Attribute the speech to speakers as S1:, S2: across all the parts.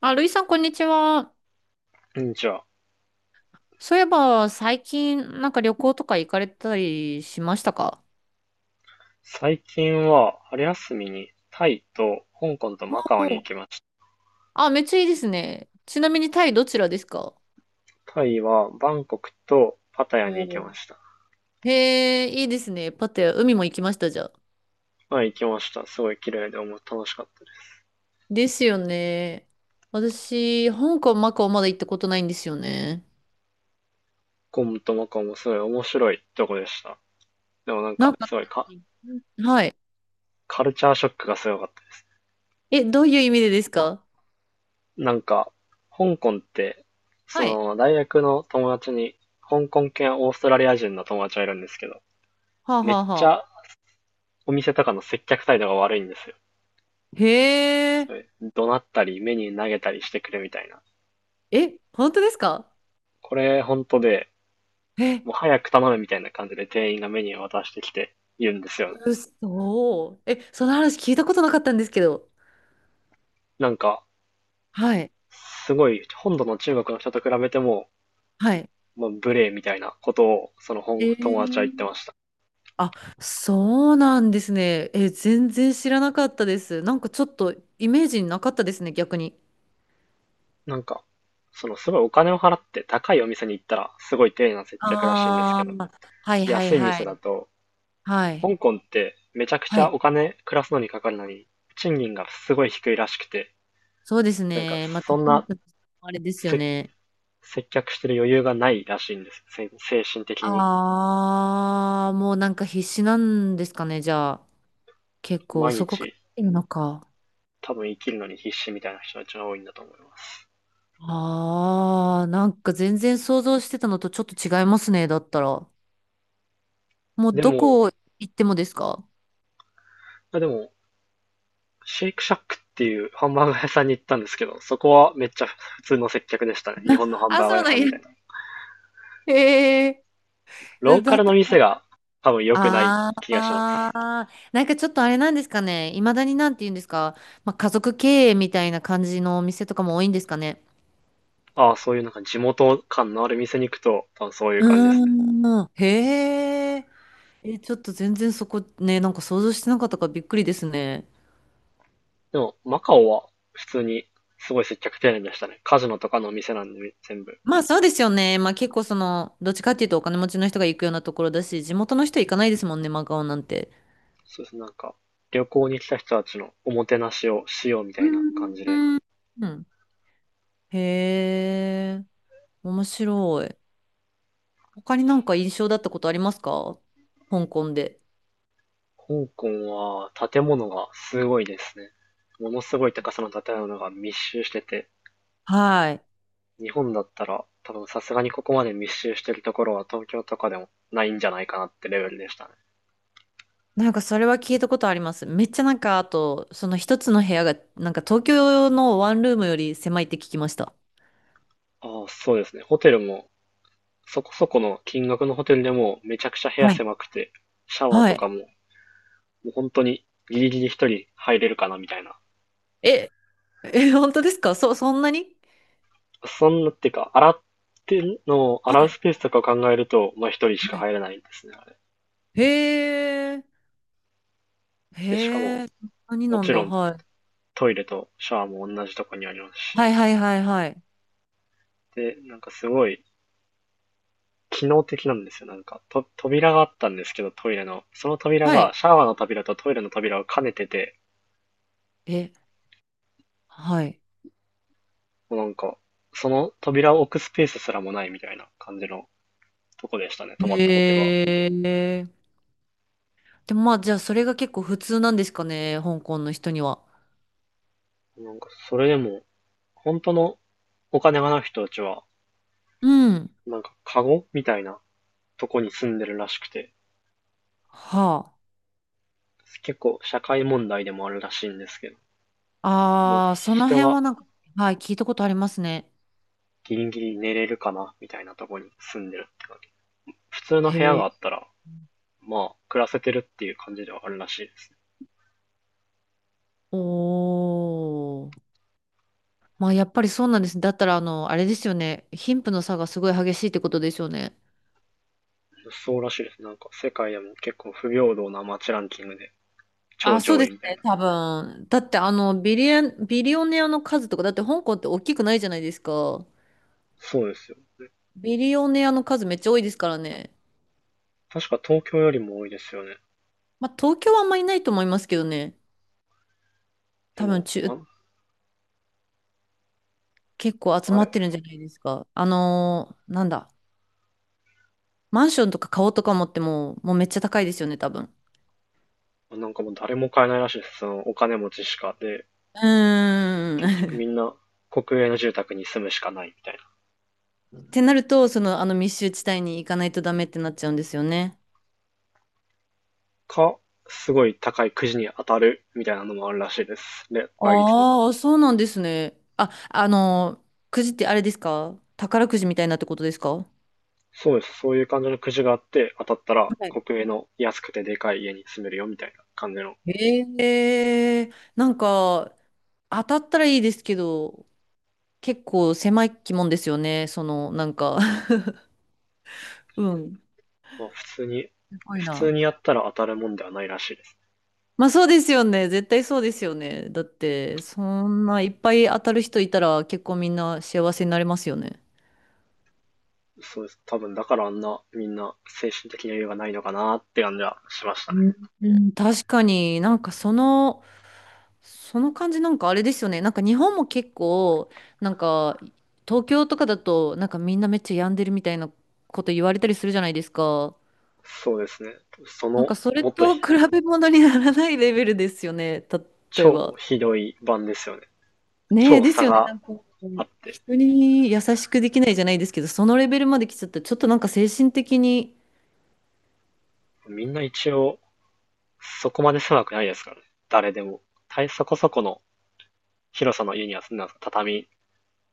S1: あ、ルイさん、こんにちは。
S2: うんじゃあ、
S1: そういえば、最近、旅行とか行かれたりしましたか？
S2: 最近は春休みにタイと香港と
S1: お
S2: マカオに行
S1: う、
S2: きまし
S1: あ、めっちゃいいですね。ちなみに、タイどちらですか？
S2: た。タイはバンコクとパタヤに行きま
S1: お
S2: した。
S1: うへえ、いいですね。パテ、海も行きました、じゃあ。
S2: まあ行きました。すごい綺麗で楽しかったです。
S1: ですよね。私、香港、マカオまだ行ったことないんですよね。
S2: 香港とマカオもすごい面白いとこでした。でもなん
S1: なん
S2: か
S1: か、
S2: すごい
S1: はい。
S2: カルチャーショックがすごかったで
S1: え、どういう意味でですか？
S2: す。なんか、香港って、そ
S1: はい。
S2: の大学の友達に香港系オーストラリア人の友達がいるんですけど、
S1: はあ、
S2: めっ
S1: はあ
S2: ち
S1: は
S2: ゃ
S1: あ。
S2: お店とかの接客態度が悪いんですよ。
S1: へえ。
S2: それ、怒鳴ったり、メニュー投げたりしてくるみたいな。
S1: え、本当ですか？
S2: これ、本当で、
S1: え、
S2: もう早く頼むみたいな感じで店員がメニューを渡してきているんですよね。
S1: うそ、え、その話聞いたことなかったんですけど。
S2: なんか、
S1: はい。
S2: すごい、本土の中国の人と比べても、
S1: はい。
S2: まあ、無礼みたいなことを、その
S1: え
S2: 友達は言って
S1: ー、
S2: ました。
S1: あ、そうなんですね。え、全然知らなかったです。ちょっとイメージになかったですね、逆に。
S2: なんか、そのすごいお金を払って高いお店に行ったら、すごい丁寧な接客らしいんです
S1: あ
S2: けど、
S1: あ、はいはい
S2: 安い
S1: は
S2: 店だ
S1: い。
S2: と、
S1: はい。
S2: 香港ってめちゃくち
S1: は
S2: ゃ
S1: い。
S2: お金暮らすのにかかるのに、賃金がすごい低いらしくて、
S1: そうです
S2: なんか
S1: ね。また
S2: そん
S1: ヒン
S2: な
S1: トとしてもあれですよ
S2: 接
S1: ね。
S2: 接客してる余裕がないらしいんです。精神的に。
S1: ああ、もう必死なんですかね、じゃあ。結構
S2: 毎
S1: そこか
S2: 日、
S1: ら来てるのか。
S2: 多分生きるのに必死みたいな人たちが多いんだと思います。
S1: ああ、全然想像してたのとちょっと違いますね、だったら。もう
S2: で
S1: ど
S2: も、
S1: こ行ってもですか？
S2: でも、シェイクシャックっていうハンバーガー屋さんに行ったんですけど、そこはめっちゃ普通の接客でしたね。日本のハン
S1: あ、
S2: バーガー
S1: そう
S2: 屋
S1: な
S2: さ
S1: ん
S2: ん
S1: や。
S2: みたいな。
S1: へえ。
S2: ローカ
S1: だ
S2: ル
S1: っ
S2: の
S1: たら、
S2: 店が多分良くない
S1: あ
S2: 気がします。
S1: あ、ちょっとあれなんですかね。いまだになんて言うんですか。まあ、家族経営みたいな感じのお店とかも多いんですかね。
S2: ああ、そういうなんか地元感のある店に行くと、多分そういう
S1: う
S2: 感じですね。
S1: ーん。へえ。え、ちょっと全然そこね、想像してなかったからびっくりですね。
S2: でも、マカオは普通にすごい接客丁寧でしたね。カジノとかの店なんで全部。
S1: まあそうですよね。まあ結構その、どっちかっていうとお金持ちの人が行くようなところだし、地元の人行かないですもんね、マカオなんて。
S2: そうですね、なんか、旅行に来た人たちのおもてなしをしようみ
S1: う
S2: たいな感じで。
S1: ーん。うん。へえ、面白い。他に印象だったことありますか？香港で。
S2: 香港は建物がすごいですね。ものすごい高さの建物が密集してて、
S1: はい。
S2: 日本だったら多分さすがにここまで密集してるところは東京とかでもないんじゃないかなってレベルでしたね。
S1: それは聞いたことあります。めっちゃ、あと、その一つの部屋が、東京のワンルームより狭いって聞きました。
S2: ああ、そうですね。ホテルもそこそこの金額のホテルでもめちゃくちゃ部屋
S1: はい。
S2: 狭くて、シャワー
S1: は
S2: と
S1: い。
S2: かももう本当にギリギリ一人入れるかなみたいな、
S1: え、え、本当ですか？そんなに？
S2: そんなっていうか、洗ってんの洗
S1: は
S2: う
S1: い。
S2: スペースとかを考えると、まあ一人し
S1: は
S2: か
S1: い。
S2: 入れないんですね、あれ。
S1: へえ。
S2: で、しかも、
S1: へえ、何
S2: も
S1: なん
S2: ち
S1: だ、
S2: ろん
S1: はい。
S2: トイレとシャワーも同じとこにあります
S1: は
S2: し。
S1: いはいはいはい。
S2: で、なんかすごい機能的なんですよ。なんか、扉があったんですけど、トイレの。その扉
S1: はい。
S2: が、シャワーの扉とトイレの扉を兼ねてて、
S1: え、はい。
S2: もうなんか、その扉を置くスペースすらもないみたいな感じのとこでしたね、泊まったホテルは。
S1: へえ。でもまあ、じゃあそれが結構普通なんですかね、香港の人には。
S2: なんか、それでも、本当のお金がない人たちは、
S1: うん。
S2: なんか、カゴみたいなとこに住んでるらしくて、
S1: は
S2: 結構社会問題でもあるらしいんですけど、もう
S1: あ。ああ、その
S2: 人
S1: 辺
S2: が
S1: は、はい、聞いたことありますね。
S2: ギリギリ寝れるかなみたいなとこに住んでるって感じ。普通の
S1: へ
S2: 部屋があ
S1: え。
S2: ったら、まあ、暮らせてるっていう感じではあるらしいです。
S1: おー。まあ、やっぱりそうなんです。だったら、あの、あれですよね。貧富の差がすごい激しいってことですよね。
S2: そうらしいです。なんか世界でも結構不平等な街ランキングで超
S1: あ、そう
S2: 上
S1: で
S2: 位
S1: す
S2: みたい
S1: ね、
S2: な。
S1: 多分。だって、あの、ビリオネアの数とか、だって香港って大きくないじゃないですか。
S2: そうですよ。
S1: ビリオネアの数めっちゃ多いですからね。
S2: 確か東京よりも多いですよね。
S1: まあ、東京はあんまりいないと思いますけどね。
S2: で
S1: 多分
S2: も、
S1: 中、結構集
S2: あ
S1: ま
S2: れ
S1: ってるんじゃないですか。あのー、なんだ、マンションとか顔とか持っても、もうめっちゃ高いですよね、多分。う
S2: なんかもう誰も買えないらしいです。そのお金持ちしか。で、
S1: ー
S2: 結局
S1: ん。
S2: みんな国営の住宅に住むしかないみたいな。
S1: ってなると、その、あの密集地帯に行かないとダメってなっちゃうんですよね。
S2: か、すごい高いくじに当たるみたいなのもあるらしいです。で、倍率の。
S1: ああ、そうなんですね。あ、あの、くじってあれですか？宝くじみたいなってことですか？は
S2: そうです。そういう感じのくじがあって、当たったら
S1: い。
S2: 国営の安くてでかい家に住めるよみたいな感じの。
S1: ええ、当たったらいいですけど、結構狭い気もんですよね。その、うん。
S2: まあ普通に、
S1: すごい
S2: 普通
S1: な。
S2: にやったら当たるもんではないらしいです。
S1: まあそうですよね。絶対そうですよね。だって、そんないっぱい当たる人いたら結構みんな幸せになれますよね。
S2: そうです。多分だからあんなみんな精神的な余裕がないのかなって感じはしました
S1: う
S2: ね。
S1: ん、うん、確かにそのその感じなんかあれですよね。日本も結構、なんか東京とかだと、みんなめっちゃ病んでるみたいなこと言われたりするじゃないですか。
S2: そうですね。その、
S1: それ
S2: もっと
S1: と比べ物にならないレベルですよね。例え
S2: 超
S1: ば。
S2: ひどい版ですよね。
S1: ねえ、
S2: 超
S1: です
S2: 差
S1: よね。
S2: が
S1: こ
S2: あ
S1: う
S2: って。
S1: 人に優しくできないじゃないですけど、そのレベルまで来ちゃったら、ちょっと精神的に。
S2: みんな一応そこまで狭くないですからね。誰でも。そこそこの広さの家には住んだでます。畳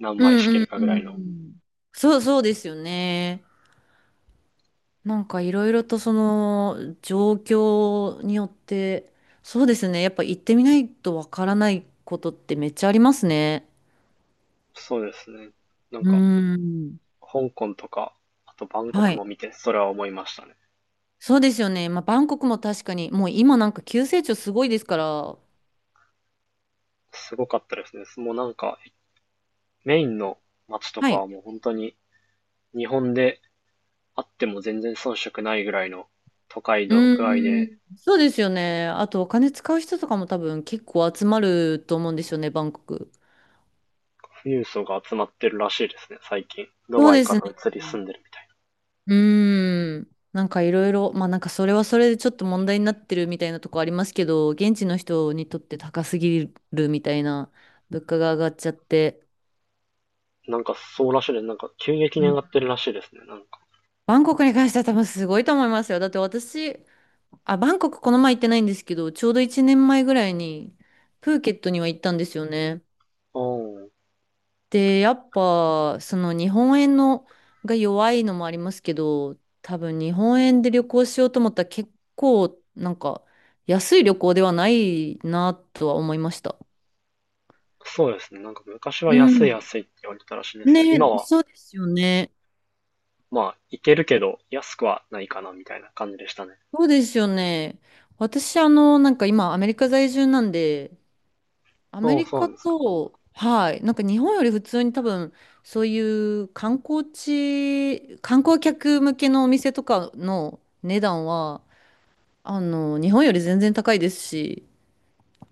S2: 何
S1: う
S2: 枚敷け
S1: んう
S2: る
S1: ん
S2: かぐ
S1: う
S2: らいの。
S1: ん。そうそうですよね。いろいろとその状況によって、そうですね。やっぱ行ってみないとわからないことってめっちゃありますね。
S2: そうですね。なん
S1: う
S2: か、
S1: ーん。
S2: 香港とか、あとバンコ
S1: は
S2: ク
S1: い。
S2: も見て、それは思いましたね。
S1: そうですよね。まあ、バンコクも確かに、もう今急成長すごいですから。
S2: すごかったですね。もうなんか、メインの街と
S1: は
S2: か
S1: い。
S2: はもう本当に、日本であっても全然遜色ないぐらいの都会
S1: う
S2: の具合
S1: ー
S2: で、
S1: ん。そうですよね。あとお金使う人とかも多分結構集まると思うんですよね、バンコク。
S2: 富裕層が集まってるらしいですね、最近。ド
S1: そう
S2: バイ
S1: で
S2: か
S1: す
S2: ら
S1: ね。
S2: 移り住んでるみたい
S1: うーん。いろいろ、まあそれはそれでちょっと問題になってるみたいなとこありますけど、現地の人にとって高すぎるみたいな物価が上がっちゃって。
S2: な。なんかそうらしいです。なんか急激
S1: う
S2: に上
S1: ん、
S2: がってるらしいですね、なんか。
S1: バンコクに関しては多分すごいと思いますよ。だって私、あ、バンコクこの前行ってないんですけど、ちょうど1年前ぐらいにプーケットには行ったんですよね。
S2: おー、
S1: で、やっぱ、その日本円のが弱いのもありますけど、多分日本円で旅行しようと思ったら結構、安い旅行ではないなとは思いました。
S2: そうですね。なんか昔は
S1: う
S2: 安い
S1: ん。
S2: 安いって言われてたらしいんですけ
S1: ね、
S2: ど、今は
S1: そうですよね。
S2: まあいけるけど安くはないかなみたいな感じでしたね。
S1: そうですよね。私、あの、今、アメリカ在住なんで、アメ
S2: そう
S1: リ
S2: そう
S1: カ
S2: なんですか。
S1: と、はい、日本より普通に多分、そういう観光地、観光客向けのお店とかの値段は、あの、日本より全然高いですし、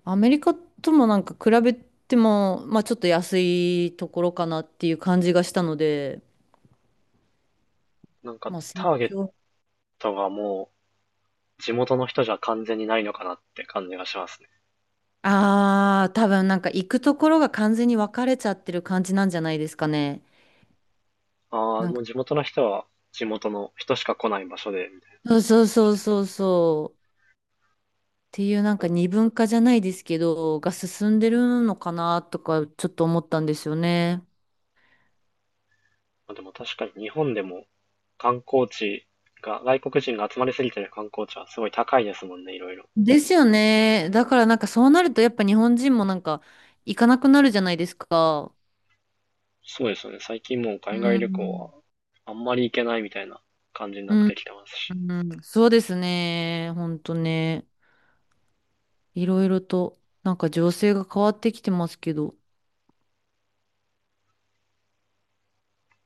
S1: アメリカとも比べても、まあちょっと安いところかなっていう感じがしたので、
S2: なんか
S1: まあ
S2: タ
S1: 成
S2: ーゲッ
S1: 長。
S2: トがもう地元の人じゃ完全にないのかなって感じがしますね。
S1: ああ、多分行くところが完全に分かれちゃってる感じなんじゃないですかね。
S2: ああ、
S1: なん
S2: も
S1: か、
S2: う地元の人は地元の人しか来ない場所でみたい
S1: そうそう
S2: な感じ
S1: そう
S2: で。
S1: そうそう。っていう
S2: うんま
S1: 二分化じゃないですけど、が進んでるのかなとかちょっと思ったんですよね。
S2: あ、でも確かに日本でも観光地が、外国人が集まりすぎてる観光地はすごい高いですもんね、いろいろ。
S1: ですよね。だからそうなるとやっぱ日本人も行かなくなるじゃないですか。
S2: そうですよね。最近もう
S1: う
S2: 海外旅行は
S1: ん、
S2: あんまり行けないみたいな感じにな
S1: う
S2: って
S1: ん、
S2: きてますし。
S1: うん、そうですね。ほんとね。いろいろと、情勢が変わってきてますけど、